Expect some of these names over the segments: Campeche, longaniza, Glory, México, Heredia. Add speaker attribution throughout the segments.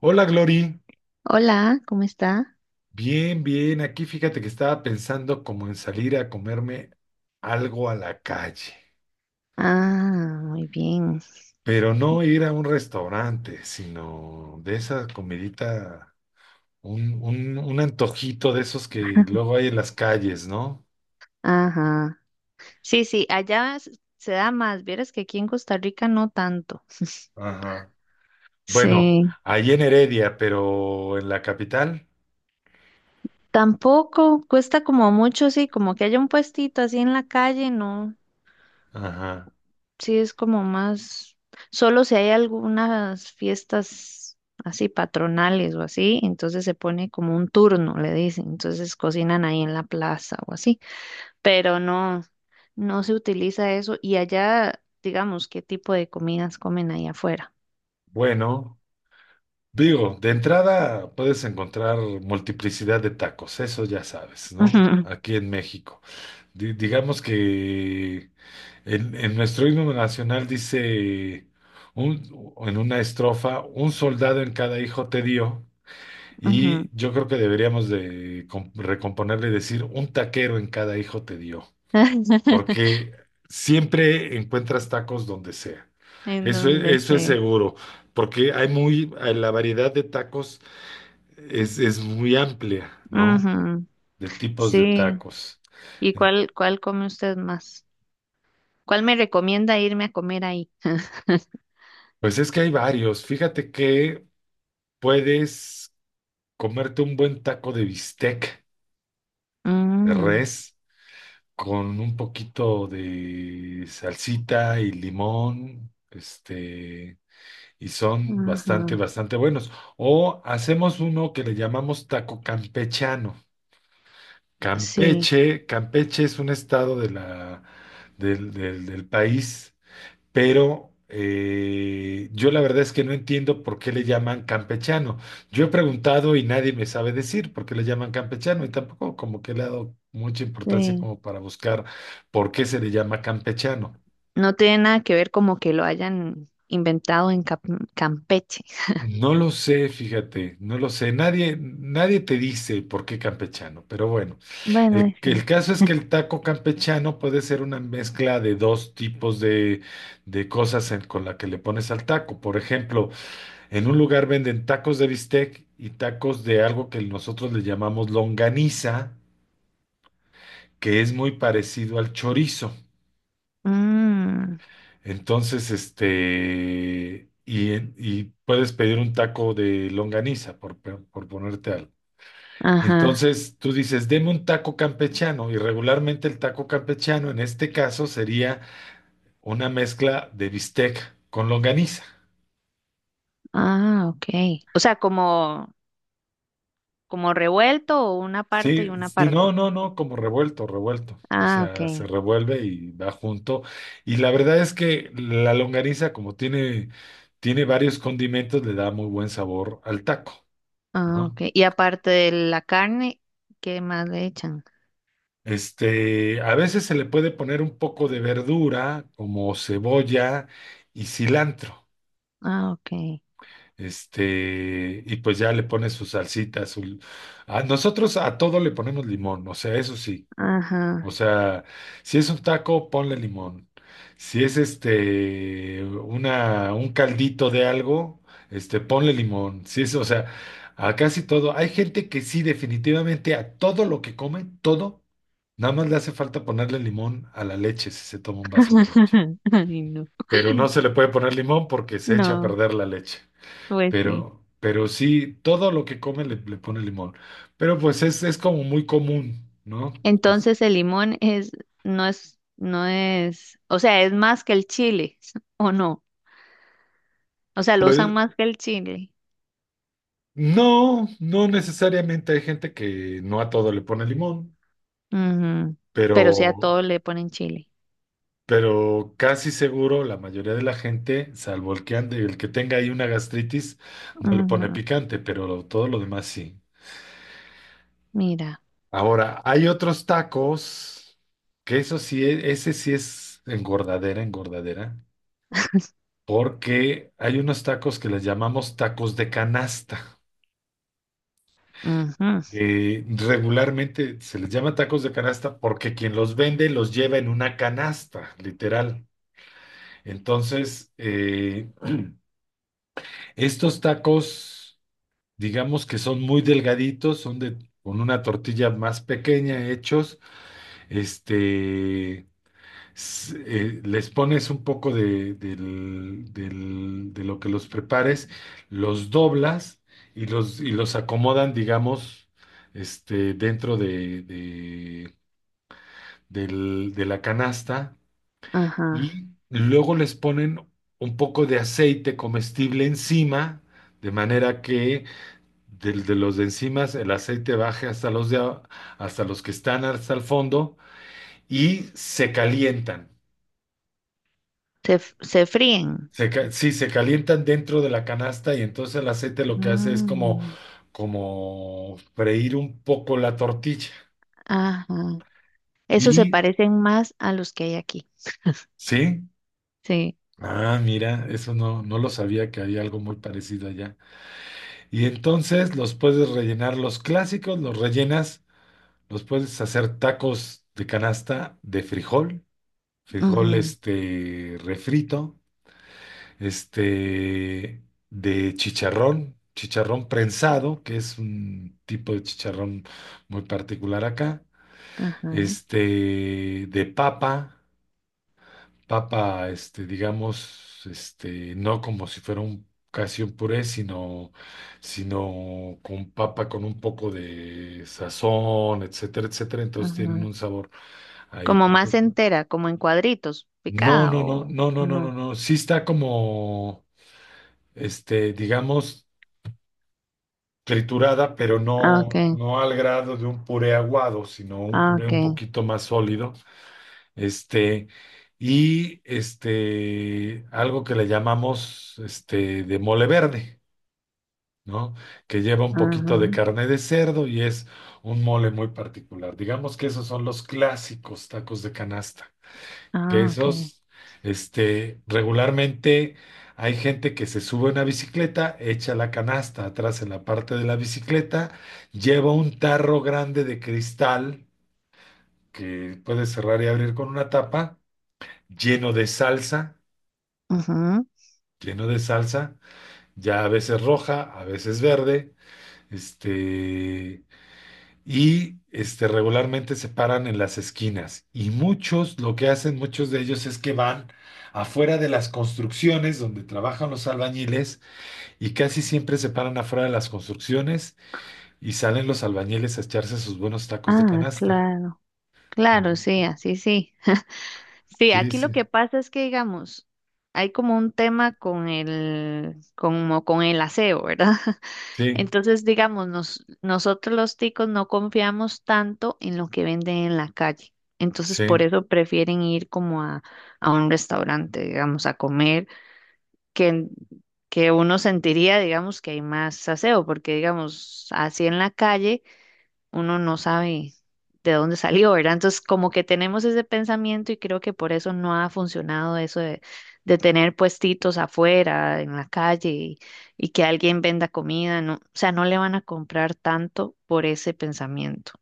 Speaker 1: Hola, Glory.
Speaker 2: Hola, ¿cómo está?
Speaker 1: Bien, bien. Aquí fíjate que estaba pensando como en salir a comerme algo a la calle,
Speaker 2: Ah, muy bien.
Speaker 1: pero no ir a un restaurante, sino de esa comidita, un antojito de esos que luego hay en las calles, ¿no?
Speaker 2: Ajá. Sí, sí, allá se da más. Vieras que aquí en Costa Rica no tanto.
Speaker 1: Ajá. Bueno,
Speaker 2: Sí.
Speaker 1: ahí en Heredia, pero en la capital.
Speaker 2: Tampoco cuesta como mucho, sí, como que haya un puestito así en la calle, no.
Speaker 1: Ajá.
Speaker 2: Sí, es como más. Solo si hay algunas fiestas así patronales o así, entonces se pone como un turno, le dicen. Entonces cocinan ahí en la plaza o así. Pero no. No se utiliza eso. Y allá, digamos, ¿qué tipo de comidas comen ahí afuera?
Speaker 1: Bueno, digo, de entrada puedes encontrar multiplicidad de tacos, eso ya sabes, ¿no?
Speaker 2: Ujú,
Speaker 1: Aquí en México. Digamos que en nuestro himno nacional dice un- en una estrofa, un soldado en cada hijo te dio,
Speaker 2: ujú.
Speaker 1: y yo creo que deberíamos de recomponerle y decir un taquero en cada hijo te dio, porque siempre encuentras tacos donde sea.
Speaker 2: En donde
Speaker 1: Eso es
Speaker 2: sea.
Speaker 1: seguro, porque hay muy, la variedad de tacos es muy amplia, ¿no?
Speaker 2: Ujú,
Speaker 1: De tipos de
Speaker 2: sí.
Speaker 1: tacos.
Speaker 2: ¿Y cuál, cuál come usted más? ¿Cuál me recomienda irme a comer ahí?
Speaker 1: Pues es que hay varios. Fíjate que puedes comerte un buen taco de bistec de
Speaker 2: Mm,
Speaker 1: res con un poquito de salsita y limón, y son bastante,
Speaker 2: ajá,
Speaker 1: bastante buenos. O hacemos uno que le llamamos taco campechano.
Speaker 2: sí,
Speaker 1: Campeche, Campeche es un estado de la, del país pero yo la verdad es que no entiendo por qué le llaman campechano. Yo he preguntado y nadie me sabe decir por qué le llaman campechano y tampoco como que le he dado mucha importancia
Speaker 2: sí.
Speaker 1: como para buscar por qué se le llama campechano.
Speaker 2: No tiene nada que ver como que lo hayan inventado en Campeche.
Speaker 1: No lo sé, fíjate, no lo sé. Nadie, nadie te dice por qué campechano, pero bueno,
Speaker 2: Bueno,
Speaker 1: el
Speaker 2: sí.
Speaker 1: caso es que el taco campechano puede ser una mezcla de dos tipos de, de cosas con la que le pones al taco. Por ejemplo, en un lugar venden tacos de bistec y tacos de algo que nosotros le llamamos longaniza, que es muy parecido al chorizo.
Speaker 2: Mm,
Speaker 1: Entonces, y puedes pedir un taco de longaniza, por ponerte algo.
Speaker 2: ajá.
Speaker 1: Entonces, tú dices, deme un taco campechano, y regularmente el taco campechano en este caso sería una mezcla de bistec con longaniza.
Speaker 2: Ah, ok. O sea, como como revuelto o una parte y
Speaker 1: Sí,
Speaker 2: una
Speaker 1: sí, no,
Speaker 2: parte.
Speaker 1: no, no, como revuelto, revuelto. O
Speaker 2: Ah, ok.
Speaker 1: sea, se revuelve y va junto. Y la verdad es que la longaniza, como tiene, tiene varios condimentos, le da muy buen sabor al taco,
Speaker 2: Ah,
Speaker 1: ¿no?
Speaker 2: ok. Y aparte de la carne, ¿qué más le echan?
Speaker 1: A veces se le puede poner un poco de verdura, como cebolla y cilantro.
Speaker 2: Ah, ok.
Speaker 1: Y pues ya le pone su salsita, su... A nosotros a todo le ponemos limón, o sea, eso sí. O
Speaker 2: Ajá.
Speaker 1: sea, si es un taco, ponle limón. Si es una un caldito de algo, ponle limón. Si es, o sea, a casi todo. Hay gente que sí, definitivamente a todo lo que come, todo, nada más le hace falta ponerle limón a la leche si se toma un vaso de leche.
Speaker 2: Ay, no.
Speaker 1: Pero no se le puede poner limón porque se echa a
Speaker 2: No,
Speaker 1: perder la leche.
Speaker 2: pues sí.
Speaker 1: Pero sí, todo lo que come le pone limón. Pero pues es como muy común, ¿no?
Speaker 2: Entonces el limón es, no es, no es, o sea, es más que el chile, ¿o no? O sea, lo usan más que el chile.
Speaker 1: No, no necesariamente hay gente que no a todo le pone limón,
Speaker 2: Ujú. Pero sí a
Speaker 1: pero,
Speaker 2: todo le ponen chile.
Speaker 1: pero casi seguro la mayoría de la gente, salvo el que ande, el que tenga ahí una gastritis, no le pone
Speaker 2: Ujú.
Speaker 1: picante, pero todo lo demás sí.
Speaker 2: Mira.
Speaker 1: Ahora, hay otros tacos, que eso sí, ese sí es engordadera, engordadera, porque hay unos tacos que les llamamos tacos de canasta.
Speaker 2: Ujú.
Speaker 1: Regularmente se les llama tacos de canasta porque quien los vende los lleva en una canasta, literal. Entonces, estos tacos, digamos que son muy delgaditos, son de, con una tortilla más pequeña hechos. Este, les pones un poco de, de lo que los prepares, los doblas y y los acomodan, digamos, dentro de, de la canasta
Speaker 2: Ajá.
Speaker 1: y luego les ponen un poco de aceite comestible encima, de manera que los de encima el aceite baje hasta hasta los que están hasta el fondo y se calientan.
Speaker 2: Se, se fríen.
Speaker 1: Sí, se calientan dentro de la canasta y entonces el aceite lo que hace es como,
Speaker 2: Mm,
Speaker 1: como freír un poco la tortilla.
Speaker 2: ajá. Esos se
Speaker 1: Y
Speaker 2: parecen más a los que hay aquí.
Speaker 1: sí,
Speaker 2: Sí.
Speaker 1: ah, mira, eso no, no lo sabía que había algo muy parecido allá. Y entonces los puedes rellenar los clásicos, los rellenas, los puedes hacer tacos de canasta de frijol, frijol
Speaker 2: Ujú,
Speaker 1: refrito, este de chicharrón, chicharrón prensado, que es un tipo de chicharrón muy particular acá,
Speaker 2: ajá,
Speaker 1: de papa, papa, digamos, no como si fuera un casi un puré, sino, sino con papa con un poco de sazón, etcétera, etcétera. Entonces tienen
Speaker 2: ajá.
Speaker 1: un sabor ahí
Speaker 2: Como más
Speaker 1: particular.
Speaker 2: entera, como en cuadritos,
Speaker 1: No,
Speaker 2: picada
Speaker 1: no, no, no,
Speaker 2: o
Speaker 1: no, no, no,
Speaker 2: no.
Speaker 1: no. Sí está como, digamos, triturada, pero
Speaker 2: Ah,
Speaker 1: no,
Speaker 2: okay.
Speaker 1: no al grado de un puré aguado, sino un
Speaker 2: Ah,
Speaker 1: puré un
Speaker 2: okay.
Speaker 1: poquito más sólido. Este, algo que le llamamos de mole verde, ¿no? Que lleva un poquito de
Speaker 2: Ajá.
Speaker 1: carne de cerdo y es un mole muy particular. Digamos que esos son los clásicos tacos de canasta, que
Speaker 2: Ah, okay.
Speaker 1: esos, regularmente hay gente que se sube a una bicicleta, echa la canasta atrás en la parte de la bicicleta, lleva un tarro grande de cristal que puede cerrar y abrir con una tapa lleno de salsa,
Speaker 2: Ujú.
Speaker 1: lleno de salsa, ya a veces roja, a veces verde, este, regularmente se paran en las esquinas. Y muchos, lo que hacen muchos de ellos es que van afuera de las construcciones donde trabajan los albañiles y casi siempre se paran afuera de las construcciones y salen los albañiles a echarse sus buenos tacos de
Speaker 2: Ah,
Speaker 1: canasta.
Speaker 2: claro. Claro,
Speaker 1: Ujú.
Speaker 2: sí, así sí. Sí,
Speaker 1: Sí,
Speaker 2: aquí
Speaker 1: sí,
Speaker 2: lo que pasa es que, digamos, hay como un tema con el, como con el aseo, ¿verdad?
Speaker 1: sí,
Speaker 2: Entonces, digamos, nosotros los ticos no confiamos tanto en lo que venden en la calle. Entonces, por
Speaker 1: sí.
Speaker 2: eso prefieren ir como a un restaurante, digamos, a comer, que, que uno sentiría, digamos, que hay más aseo, porque, digamos, así en la calle uno no sabe de dónde salió, ¿verdad? Entonces, como que tenemos ese pensamiento y creo que por eso no ha funcionado eso de tener puestitos afuera, en la calle y que alguien venda comida, no, o sea, no le van a comprar tanto por ese pensamiento.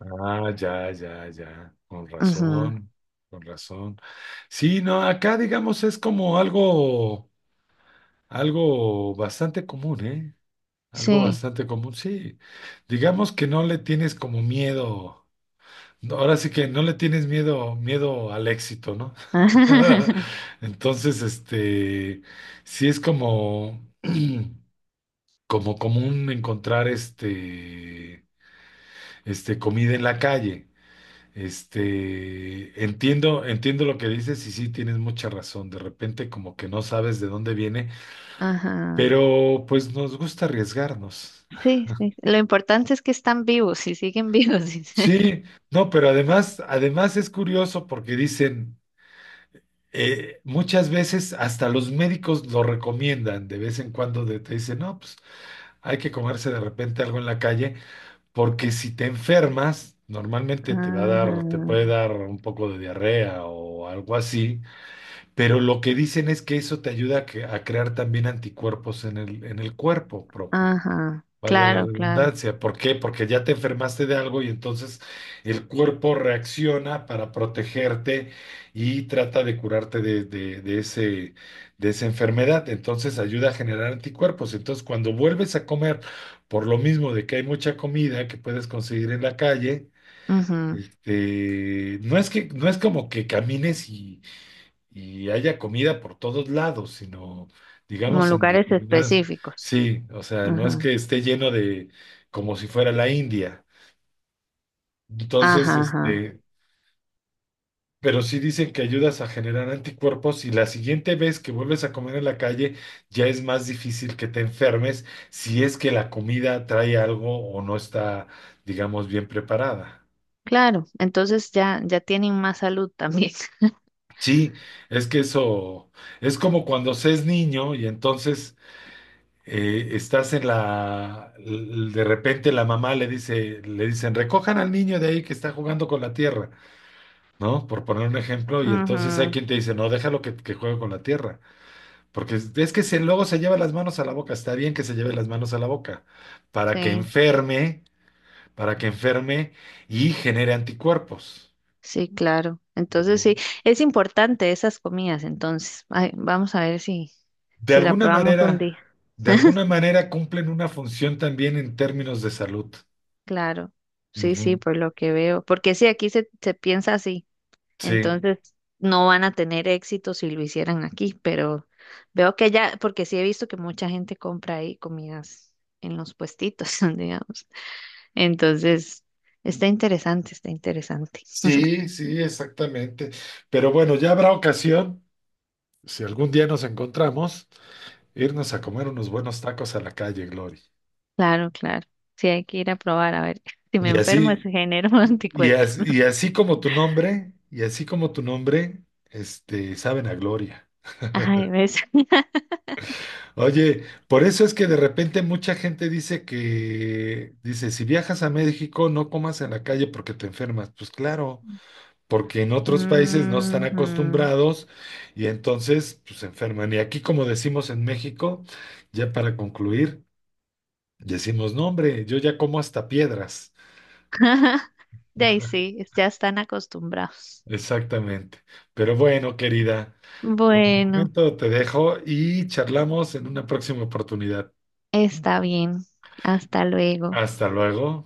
Speaker 1: Ah, ya, ya, ya, con
Speaker 2: Ujú,
Speaker 1: razón, con razón. Sí, no, acá digamos es como algo, algo bastante común, ¿eh? Algo
Speaker 2: sí.
Speaker 1: bastante común, sí. Digamos que no le tienes como miedo, no, ahora sí que no le tienes miedo, miedo al éxito, ¿no? Entonces, sí es como, como común encontrar comida en la calle. Entiendo, entiendo lo que dices y sí tienes mucha razón. De repente como que no sabes de dónde viene,
Speaker 2: Ajá.
Speaker 1: pero pues nos gusta arriesgarnos.
Speaker 2: Sí, sí, sí. Lo importante es que están vivos y siguen vivos, dice.
Speaker 1: Sí, no, pero además, además es curioso porque dicen, muchas veces hasta los médicos lo recomiendan, de vez en cuando te dicen, no, pues hay que comerse de repente algo en la calle, porque si te enfermas, normalmente te va a dar, te
Speaker 2: Ajá.
Speaker 1: puede dar un poco de diarrea o algo así. Pero lo que dicen es que eso te ayuda a, a crear también anticuerpos en en el cuerpo propio,
Speaker 2: Ajá.
Speaker 1: valga la
Speaker 2: Claro, claro.
Speaker 1: redundancia. ¿Por qué? Porque ya te enfermaste de algo y entonces el cuerpo reacciona para protegerte y trata de curarte de, de ese, de esa enfermedad. Entonces ayuda a generar anticuerpos. Entonces cuando vuelves a comer, por lo mismo de que hay mucha comida que puedes conseguir en la calle,
Speaker 2: Ujú.
Speaker 1: no es que, no es como que camines y haya comida por todos lados, sino,
Speaker 2: Como
Speaker 1: digamos, en
Speaker 2: lugares
Speaker 1: determinadas,
Speaker 2: específicos.
Speaker 1: sí, o sea, no es
Speaker 2: Ajá.
Speaker 1: que esté lleno de, como si fuera la India. Entonces,
Speaker 2: Ajá, ajá.
Speaker 1: pero sí dicen que ayudas a generar anticuerpos y la siguiente vez que vuelves a comer en la calle ya es más difícil que te enfermes si es que la comida trae algo o no está, digamos, bien preparada.
Speaker 2: Claro, entonces ya, ya tienen más salud también.
Speaker 1: Sí, es que eso es como cuando se es niño y entonces estás en de repente la mamá le dice, le dicen, recojan al niño de ahí que está jugando con la tierra, ¿no? Por poner un ejemplo, y entonces hay
Speaker 2: Ujú,
Speaker 1: quien te dice, no, déjalo que juegue con la tierra, porque es que si luego se lleva las manos a la boca, está bien que se lleve las manos a la boca, para que
Speaker 2: sí,
Speaker 1: enferme, para que enferme y genere anticuerpos.
Speaker 2: sí, claro. Entonces
Speaker 1: Ujú.
Speaker 2: sí, es importante esas comidas, entonces. Ay, vamos a ver si,
Speaker 1: De
Speaker 2: si la
Speaker 1: alguna
Speaker 2: probamos un
Speaker 1: manera,
Speaker 2: día.
Speaker 1: de alguna manera cumplen una función también en términos de salud.
Speaker 2: Claro, sí, sí,
Speaker 1: Ujú.
Speaker 2: por lo que veo. Porque sí, aquí se, se piensa así,
Speaker 1: Sí,
Speaker 2: entonces no van a tener éxito si lo hicieran aquí, pero veo que ya, porque sí he visto que mucha gente compra ahí comidas en los puestitos, digamos. Entonces, está interesante, está interesante.
Speaker 1: sí, sí, exactamente. Pero bueno, ya habrá ocasión, si algún día nos encontramos, irnos a comer unos buenos tacos a la calle, Glory.
Speaker 2: Claro, claro. Sí, hay que ir a probar, a ver. Si me
Speaker 1: Y
Speaker 2: enfermo, es
Speaker 1: así,
Speaker 2: genero
Speaker 1: y
Speaker 2: anticuerpos.
Speaker 1: así, y así como tu nombre, y así como tu nombre, saben a gloria.
Speaker 2: Ay, ves.
Speaker 1: Oye, por eso es que de repente mucha gente dice que, dice, si viajas a México, no comas en la calle porque te enfermas. Pues claro. Porque en otros países no están
Speaker 2: Ujú.
Speaker 1: acostumbrados y entonces pues, se enferman. Y aquí, como decimos en México, ya para concluir, decimos, no, hombre, yo ya como hasta piedras.
Speaker 2: De ahí sí, ya están acostumbrados.
Speaker 1: Exactamente. Pero bueno, querida, de
Speaker 2: Bueno,
Speaker 1: momento te dejo y charlamos en una próxima oportunidad.
Speaker 2: está bien. Hasta luego.
Speaker 1: Hasta luego.